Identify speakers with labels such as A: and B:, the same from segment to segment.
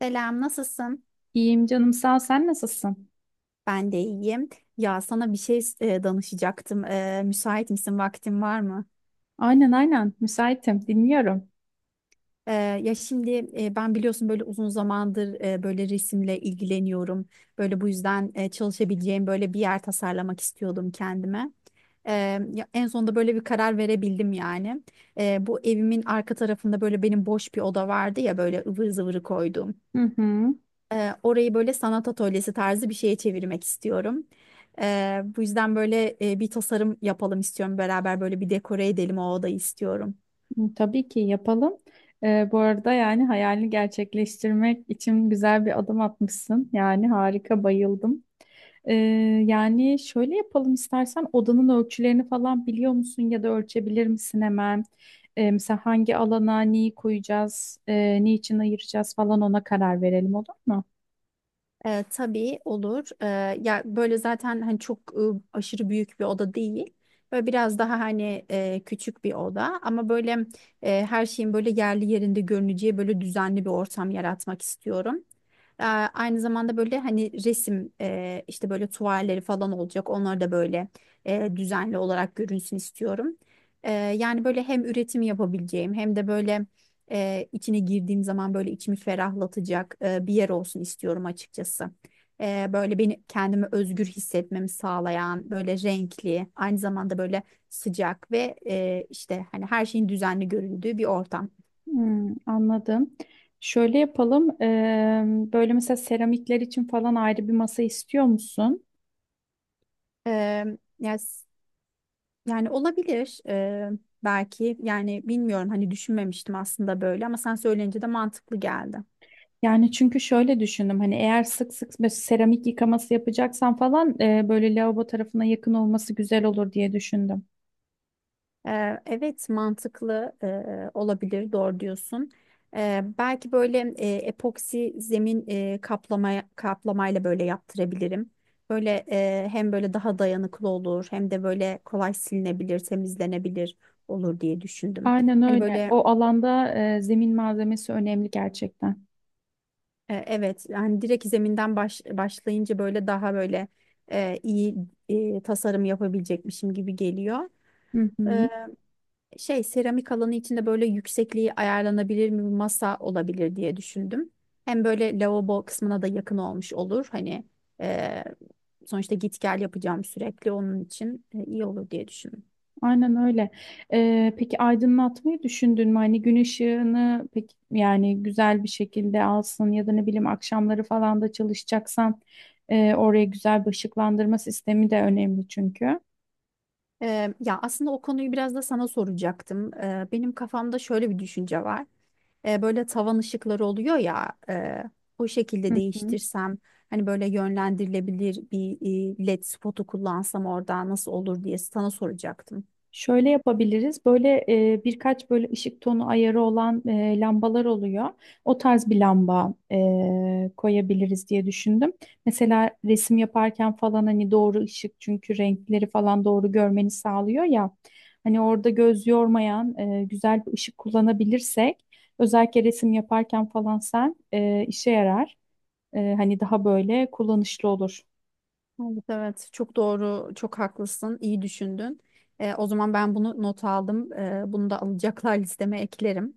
A: Selam, nasılsın?
B: İyiyim canım sağ ol. Sen nasılsın?
A: Ben de iyiyim. Ya sana bir şey danışacaktım. Müsait misin? Vaktin var mı?
B: Aynen, müsaitim, dinliyorum.
A: E, ya şimdi ben biliyorsun böyle uzun zamandır böyle resimle ilgileniyorum. Böyle bu yüzden çalışabileceğim böyle bir yer tasarlamak istiyordum kendime. E, ya en sonunda böyle bir karar verebildim yani. Bu evimin arka tarafında böyle benim boş bir oda vardı ya böyle ıvır zıvırı koyduğum.
B: Hı hı.
A: Orayı böyle sanat atölyesi tarzı bir şeye çevirmek istiyorum. Bu yüzden böyle bir tasarım yapalım istiyorum. Beraber böyle bir dekore edelim o odayı istiyorum.
B: Hı, tabii ki yapalım. Bu arada, yani hayalini gerçekleştirmek için güzel bir adım atmışsın. Yani harika, bayıldım. Ee, yani şöyle yapalım, istersen odanın ölçülerini falan biliyor musun ya da ölçebilir misin hemen? Mesela hangi alana neyi koyacağız, niçin ayıracağız falan, ona karar verelim, olur mu?
A: Tabii olur. Ya böyle zaten hani çok aşırı büyük bir oda değil. Böyle biraz daha hani küçük bir oda ama böyle her şeyin böyle yerli yerinde görüneceği böyle düzenli bir ortam yaratmak istiyorum. Aynı zamanda böyle hani resim işte böyle tuvalleri falan olacak. Onlar da böyle düzenli olarak görünsün istiyorum. Yani böyle hem üretim yapabileceğim hem de böyle içine girdiğim zaman böyle içimi ferahlatacak bir yer olsun istiyorum açıkçası. Böyle beni kendimi özgür hissetmemi sağlayan, böyle renkli, aynı zamanda böyle sıcak ve işte hani her şeyin düzenli göründüğü bir ortam.
B: Hmm, anladım. Şöyle yapalım. Böyle mesela seramikler için falan ayrı bir masa istiyor musun?
A: E, yani, yani olabilir belki yani bilmiyorum hani düşünmemiştim aslında böyle ama sen söyleyince de mantıklı geldi.
B: Yani çünkü şöyle düşündüm, hani eğer sık sık böyle seramik yıkaması yapacaksan falan böyle lavabo tarafına yakın olması güzel olur diye düşündüm.
A: Evet mantıklı olabilir doğru diyorsun. Belki böyle epoksi zemin kaplamayla böyle yaptırabilirim. Böyle hem böyle daha dayanıklı olur hem de böyle kolay silinebilir, temizlenebilir olur diye düşündüm.
B: Aynen
A: Hani
B: öyle.
A: böyle
B: O alanda zemin malzemesi önemli gerçekten.
A: evet hani direkt zeminden başlayınca böyle daha böyle iyi tasarım yapabilecekmişim gibi geliyor.
B: Hı hı.
A: Şey seramik alanı içinde böyle yüksekliği ayarlanabilir mi bir masa olabilir diye düşündüm. Hem böyle lavabo kısmına da yakın olmuş olur. Hani e, sonuçta git gel yapacağım sürekli onun için iyi olur diye düşündüm.
B: Aynen öyle. Peki aydınlatmayı düşündün mü? Hani gün ışığını peki yani güzel bir şekilde alsın ya da ne bileyim akşamları falan da çalışacaksan oraya güzel bir ışıklandırma sistemi de önemli çünkü.
A: Ya aslında o konuyu biraz da sana soracaktım. Benim kafamda şöyle bir düşünce var. Böyle tavan ışıkları oluyor ya, o şekilde
B: Hı hı.
A: değiştirsem hani böyle yönlendirilebilir bir led spotu kullansam orada nasıl olur diye sana soracaktım.
B: Şöyle yapabiliriz. Böyle birkaç böyle ışık tonu ayarı olan lambalar oluyor. O tarz bir lamba koyabiliriz diye düşündüm. Mesela resim yaparken falan hani doğru ışık, çünkü renkleri falan doğru görmeni sağlıyor ya. Hani orada göz yormayan güzel bir ışık kullanabilirsek özellikle resim yaparken falan sen işe yarar. Hani daha böyle kullanışlı olur.
A: Evet, evet. Çok doğru, çok haklısın. İyi düşündün. O zaman ben bunu not aldım. Bunu da alacaklar listeme eklerim.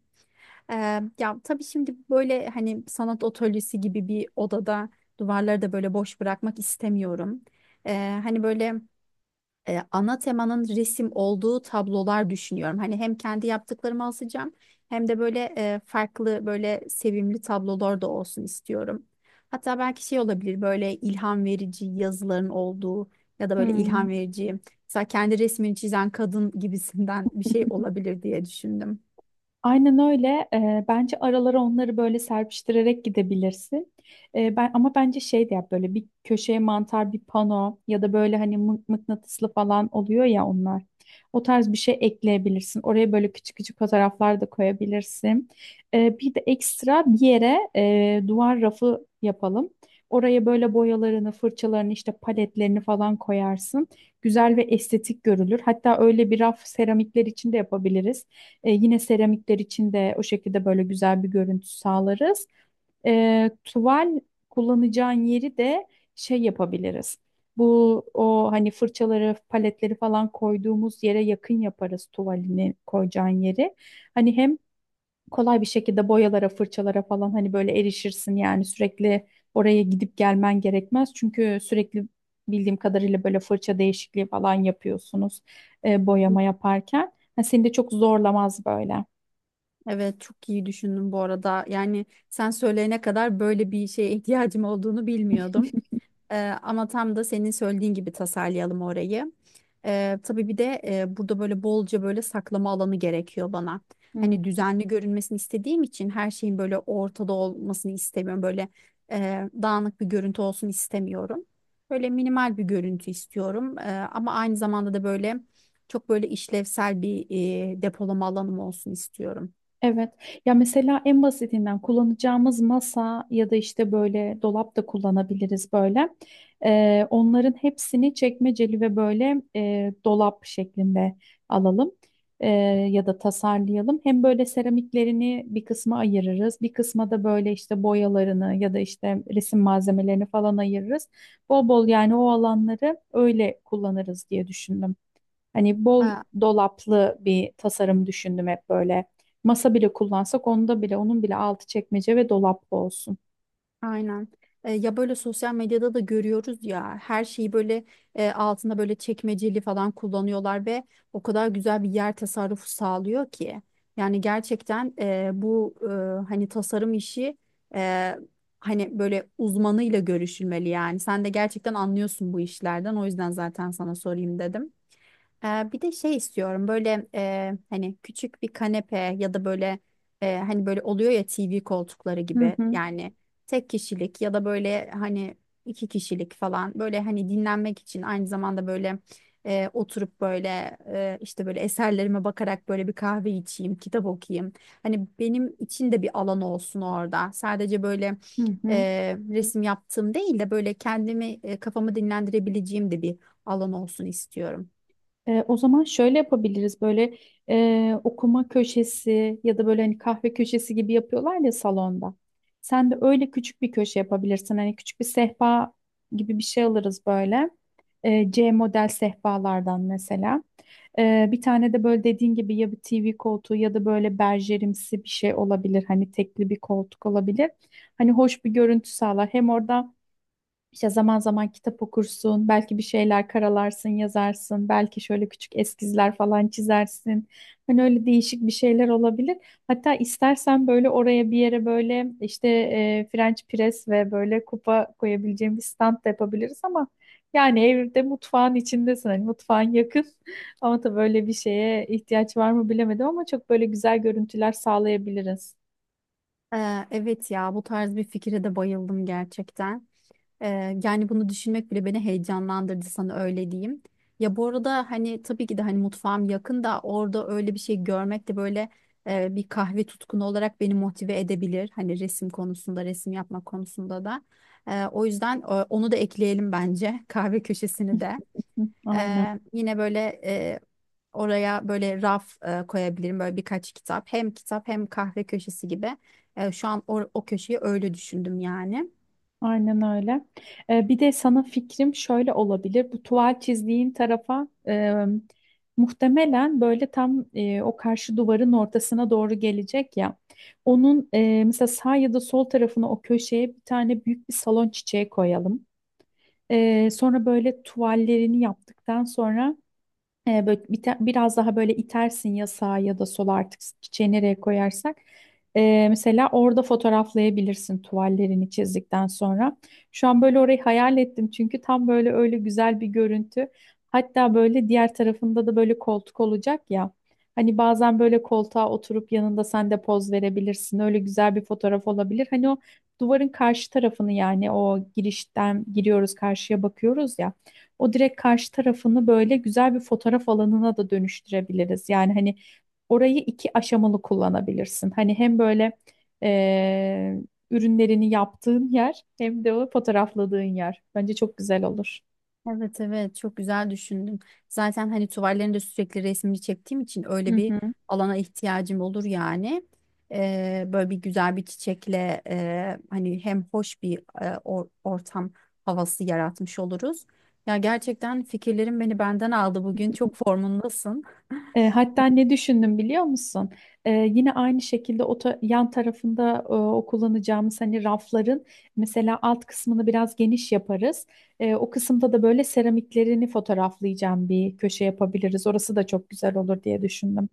A: Ee, Ya tabii şimdi böyle hani sanat atölyesi gibi bir odada duvarları da böyle boş bırakmak istemiyorum. Hani böyle ana temanın resim olduğu tablolar düşünüyorum. Hani hem kendi yaptıklarımı asacağım hem de böyle farklı böyle sevimli tablolar da olsun istiyorum. Hatta belki şey olabilir böyle ilham verici yazıların olduğu ya da böyle
B: Hmm.
A: ilham verici mesela kendi resmini çizen kadın gibisinden bir şey olabilir diye düşündüm.
B: Aynen öyle. Bence aralara onları böyle serpiştirerek gidebilirsin. Ben ama bence şey de yap, böyle bir köşeye mantar bir pano ya da böyle hani mıknatıslı falan oluyor ya onlar. O tarz bir şey ekleyebilirsin. Oraya böyle küçük küçük fotoğraflar da koyabilirsin. Bir de ekstra bir yere duvar rafı yapalım. Oraya böyle boyalarını, fırçalarını, işte paletlerini falan koyarsın. Güzel ve estetik görülür. Hatta öyle bir raf seramikler için de yapabiliriz. Yine seramikler için de o şekilde böyle güzel bir görüntü sağlarız. Tuval kullanacağın yeri de şey yapabiliriz. Bu o hani fırçaları, paletleri falan koyduğumuz yere yakın yaparız tuvalini koyacağın yeri. Hani hem kolay bir şekilde boyalara, fırçalara falan hani böyle erişirsin, yani sürekli oraya gidip gelmen gerekmez. Çünkü sürekli bildiğim kadarıyla böyle fırça değişikliği falan yapıyorsunuz boyama yaparken. Ha, seni de çok zorlamaz böyle.
A: Evet çok iyi düşündün bu arada. Yani sen söyleyene kadar böyle bir şeye ihtiyacım olduğunu bilmiyordum. Ee, Ama tam da senin söylediğin gibi tasarlayalım orayı. Tabii bir de burada böyle bolca böyle saklama alanı gerekiyor bana. Hani düzenli görünmesini istediğim için her şeyin böyle ortada olmasını istemiyorum. Böyle dağınık bir görüntü olsun istemiyorum. Böyle minimal bir görüntü istiyorum. Ama aynı zamanda da böyle çok böyle işlevsel bir depolama alanım olsun istiyorum.
B: Evet. Ya mesela en basitinden kullanacağımız masa ya da işte böyle dolap da kullanabiliriz böyle. Onların hepsini çekmeceli ve böyle dolap şeklinde alalım. Ee, Ya da tasarlayalım. Hem böyle seramiklerini bir kısma ayırırız, bir kısma da böyle işte boyalarını ya da işte resim malzemelerini falan ayırırız. Bol bol yani o alanları öyle kullanırız diye düşündüm. Hani bol dolaplı bir tasarım düşündüm hep böyle. Masa bile kullansak onda bile onun bile altı çekmece ve dolaplı olsun.
A: Aynen. Ya böyle sosyal medyada da görüyoruz ya her şeyi böyle altında böyle çekmeceli falan kullanıyorlar ve o kadar güzel bir yer tasarrufu sağlıyor ki. Yani gerçekten hani tasarım işi e, hani böyle uzmanıyla görüşülmeli yani. Sen de gerçekten anlıyorsun bu işlerden o yüzden zaten sana sorayım dedim. Bir de şey istiyorum böyle hani küçük bir kanepe ya da böyle hani böyle oluyor ya TV koltukları
B: Hı
A: gibi
B: hı,
A: yani tek kişilik ya da böyle hani iki kişilik falan böyle hani dinlenmek için aynı zamanda böyle oturup böyle işte böyle eserlerime bakarak böyle bir kahve içeyim, kitap okuyayım. Hani benim için de bir alan olsun orada. Sadece böyle
B: hı hı.
A: resim yaptığım değil de böyle kendimi kafamı dinlendirebileceğim de bir alan olsun istiyorum.
B: O zaman şöyle yapabiliriz, böyle okuma köşesi ya da böyle hani kahve köşesi gibi yapıyorlar ya salonda. Sen de öyle küçük bir köşe yapabilirsin. Hani küçük bir sehpa gibi bir şey alırız böyle. C model sehpalardan mesela. Bir tane de böyle dediğin gibi ya bir TV koltuğu ya da böyle berjerimsi bir şey olabilir. Hani tekli bir koltuk olabilir. Hani hoş bir görüntü sağlar. Hem orada işte zaman zaman kitap okursun, belki bir şeyler karalarsın, yazarsın, belki şöyle küçük eskizler falan çizersin. Hani öyle değişik bir şeyler olabilir. Hatta istersen böyle oraya bir yere böyle işte French press ve böyle kupa koyabileceğim bir stand da yapabiliriz, ama yani evde mutfağın içindesin, hani mutfağın yakın. Ama tabii böyle bir şeye ihtiyaç var mı bilemedim, ama çok böyle güzel görüntüler sağlayabiliriz.
A: Evet ya bu tarz bir fikre de bayıldım gerçekten. Yani bunu düşünmek bile beni heyecanlandırdı sana öyle diyeyim. Ya bu arada hani tabii ki de hani mutfağım yakın da orada öyle bir şey görmek de böyle bir kahve tutkunu olarak beni motive edebilir. Hani resim konusunda, resim yapma konusunda da. O yüzden onu da ekleyelim bence kahve köşesini de.
B: Hı, aynen.
A: Yine böyle oraya böyle raf koyabilirim böyle birkaç kitap. Hem kitap hem kahve köşesi gibi. Şu an o köşeyi öyle düşündüm yani.
B: Aynen öyle. Bir de sana fikrim şöyle olabilir. Bu tuval çizdiğin tarafa muhtemelen böyle tam o karşı duvarın ortasına doğru gelecek ya. Onun mesela sağ ya da sol tarafına, o köşeye bir tane büyük bir salon çiçeği koyalım. E, sonra böyle tuvallerini yaptıktan sonra biraz daha böyle itersin ya sağa ya da sola, artık çiçeği nereye koyarsak. Mesela orada fotoğraflayabilirsin tuvallerini çizdikten sonra. Şu an böyle orayı hayal ettim çünkü tam böyle öyle güzel bir görüntü. Hatta böyle diğer tarafında da böyle koltuk olacak ya. Hani bazen böyle koltuğa oturup yanında sen de poz verebilirsin. Öyle güzel bir fotoğraf olabilir. Hani o duvarın karşı tarafını, yani o girişten giriyoruz karşıya bakıyoruz ya. O direkt karşı tarafını böyle güzel bir fotoğraf alanına da dönüştürebiliriz. Yani hani orayı iki aşamalı kullanabilirsin. Hani hem böyle eee, ürünlerini yaptığın yer hem de o fotoğrafladığın yer. Bence çok güzel olur.
A: Evet evet çok güzel düşündüm. Zaten hani tuvallerinde sürekli resmini çektiğim için öyle bir alana ihtiyacım olur yani. Böyle bir güzel bir çiçekle hani hem hoş bir ortam havası yaratmış oluruz. Ya gerçekten fikirlerin beni benden aldı bugün. Çok formundasın.
B: Hatta ne düşündüm biliyor musun? Yine aynı şekilde o yan tarafında, o kullanacağımız hani rafların mesela alt kısmını biraz geniş yaparız. O kısımda da böyle seramiklerini fotoğraflayacağım bir köşe yapabiliriz. Orası da çok güzel olur diye düşündüm.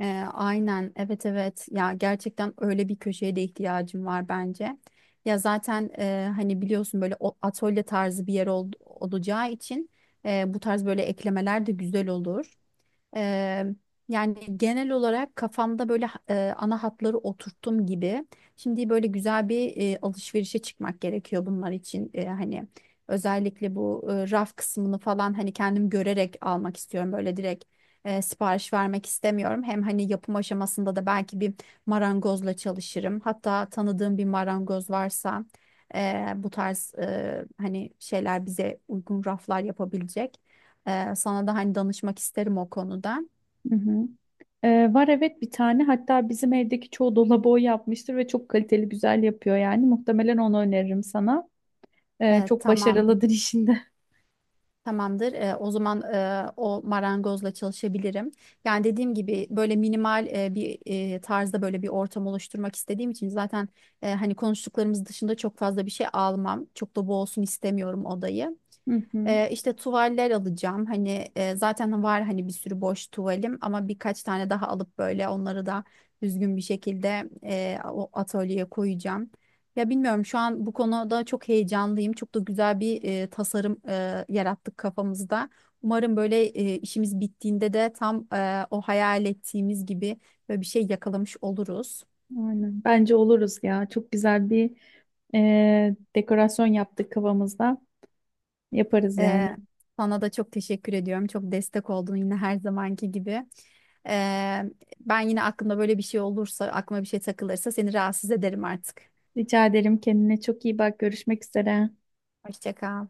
A: Ee, aynen evet evet ya gerçekten öyle bir köşeye de ihtiyacım var bence. Ya zaten hani biliyorsun böyle atölye tarzı bir yer olacağı için bu tarz böyle eklemeler de güzel olur. Eee, Yani genel olarak kafamda böyle ana hatları oturttum gibi. Şimdi böyle güzel bir alışverişe çıkmak gerekiyor bunlar için. Hani özellikle bu raf kısmını falan hani kendim görerek almak istiyorum. Böyle direkt sipariş vermek istemiyorum. Hem hani yapım aşamasında da belki bir marangozla çalışırım. Hatta tanıdığım bir marangoz varsa bu tarz hani şeyler bize uygun raflar yapabilecek. Sana da hani danışmak isterim o konuda.
B: Hı hı. Var, evet, bir tane, hatta bizim evdeki çoğu dolabı o yapmıştır ve çok kaliteli, güzel yapıyor, yani muhtemelen onu öneririm sana.
A: Ee,
B: Çok
A: tamam,
B: başarılıdır işinde.
A: Tamamdır. O zaman o marangozla çalışabilirim. Yani dediğim gibi böyle minimal bir tarzda böyle bir ortam oluşturmak istediğim için zaten hani konuştuklarımız dışında çok fazla bir şey almam. Çok da boğulsun istemiyorum odayı.
B: Hı hı.
A: İşte tuvaller alacağım. Hani zaten var hani bir sürü boş tuvalim ama birkaç tane daha alıp böyle onları da düzgün bir şekilde o atölyeye koyacağım. Ya bilmiyorum şu an bu konuda çok heyecanlıyım. Çok da güzel bir tasarım yarattık kafamızda. Umarım böyle işimiz bittiğinde de tam o hayal ettiğimiz gibi böyle bir şey yakalamış oluruz.
B: Aynen. Bence oluruz ya. Çok güzel bir dekorasyon yaptık kafamızda. Yaparız yani.
A: Ee, Sana da çok teşekkür ediyorum. Çok destek oldun yine her zamanki gibi. Ee, Ben yine aklımda böyle bir şey olursa, aklıma bir şey takılırsa seni rahatsız ederim artık.
B: Rica ederim, kendine çok iyi bak. Görüşmek üzere.
A: Hoşça kal.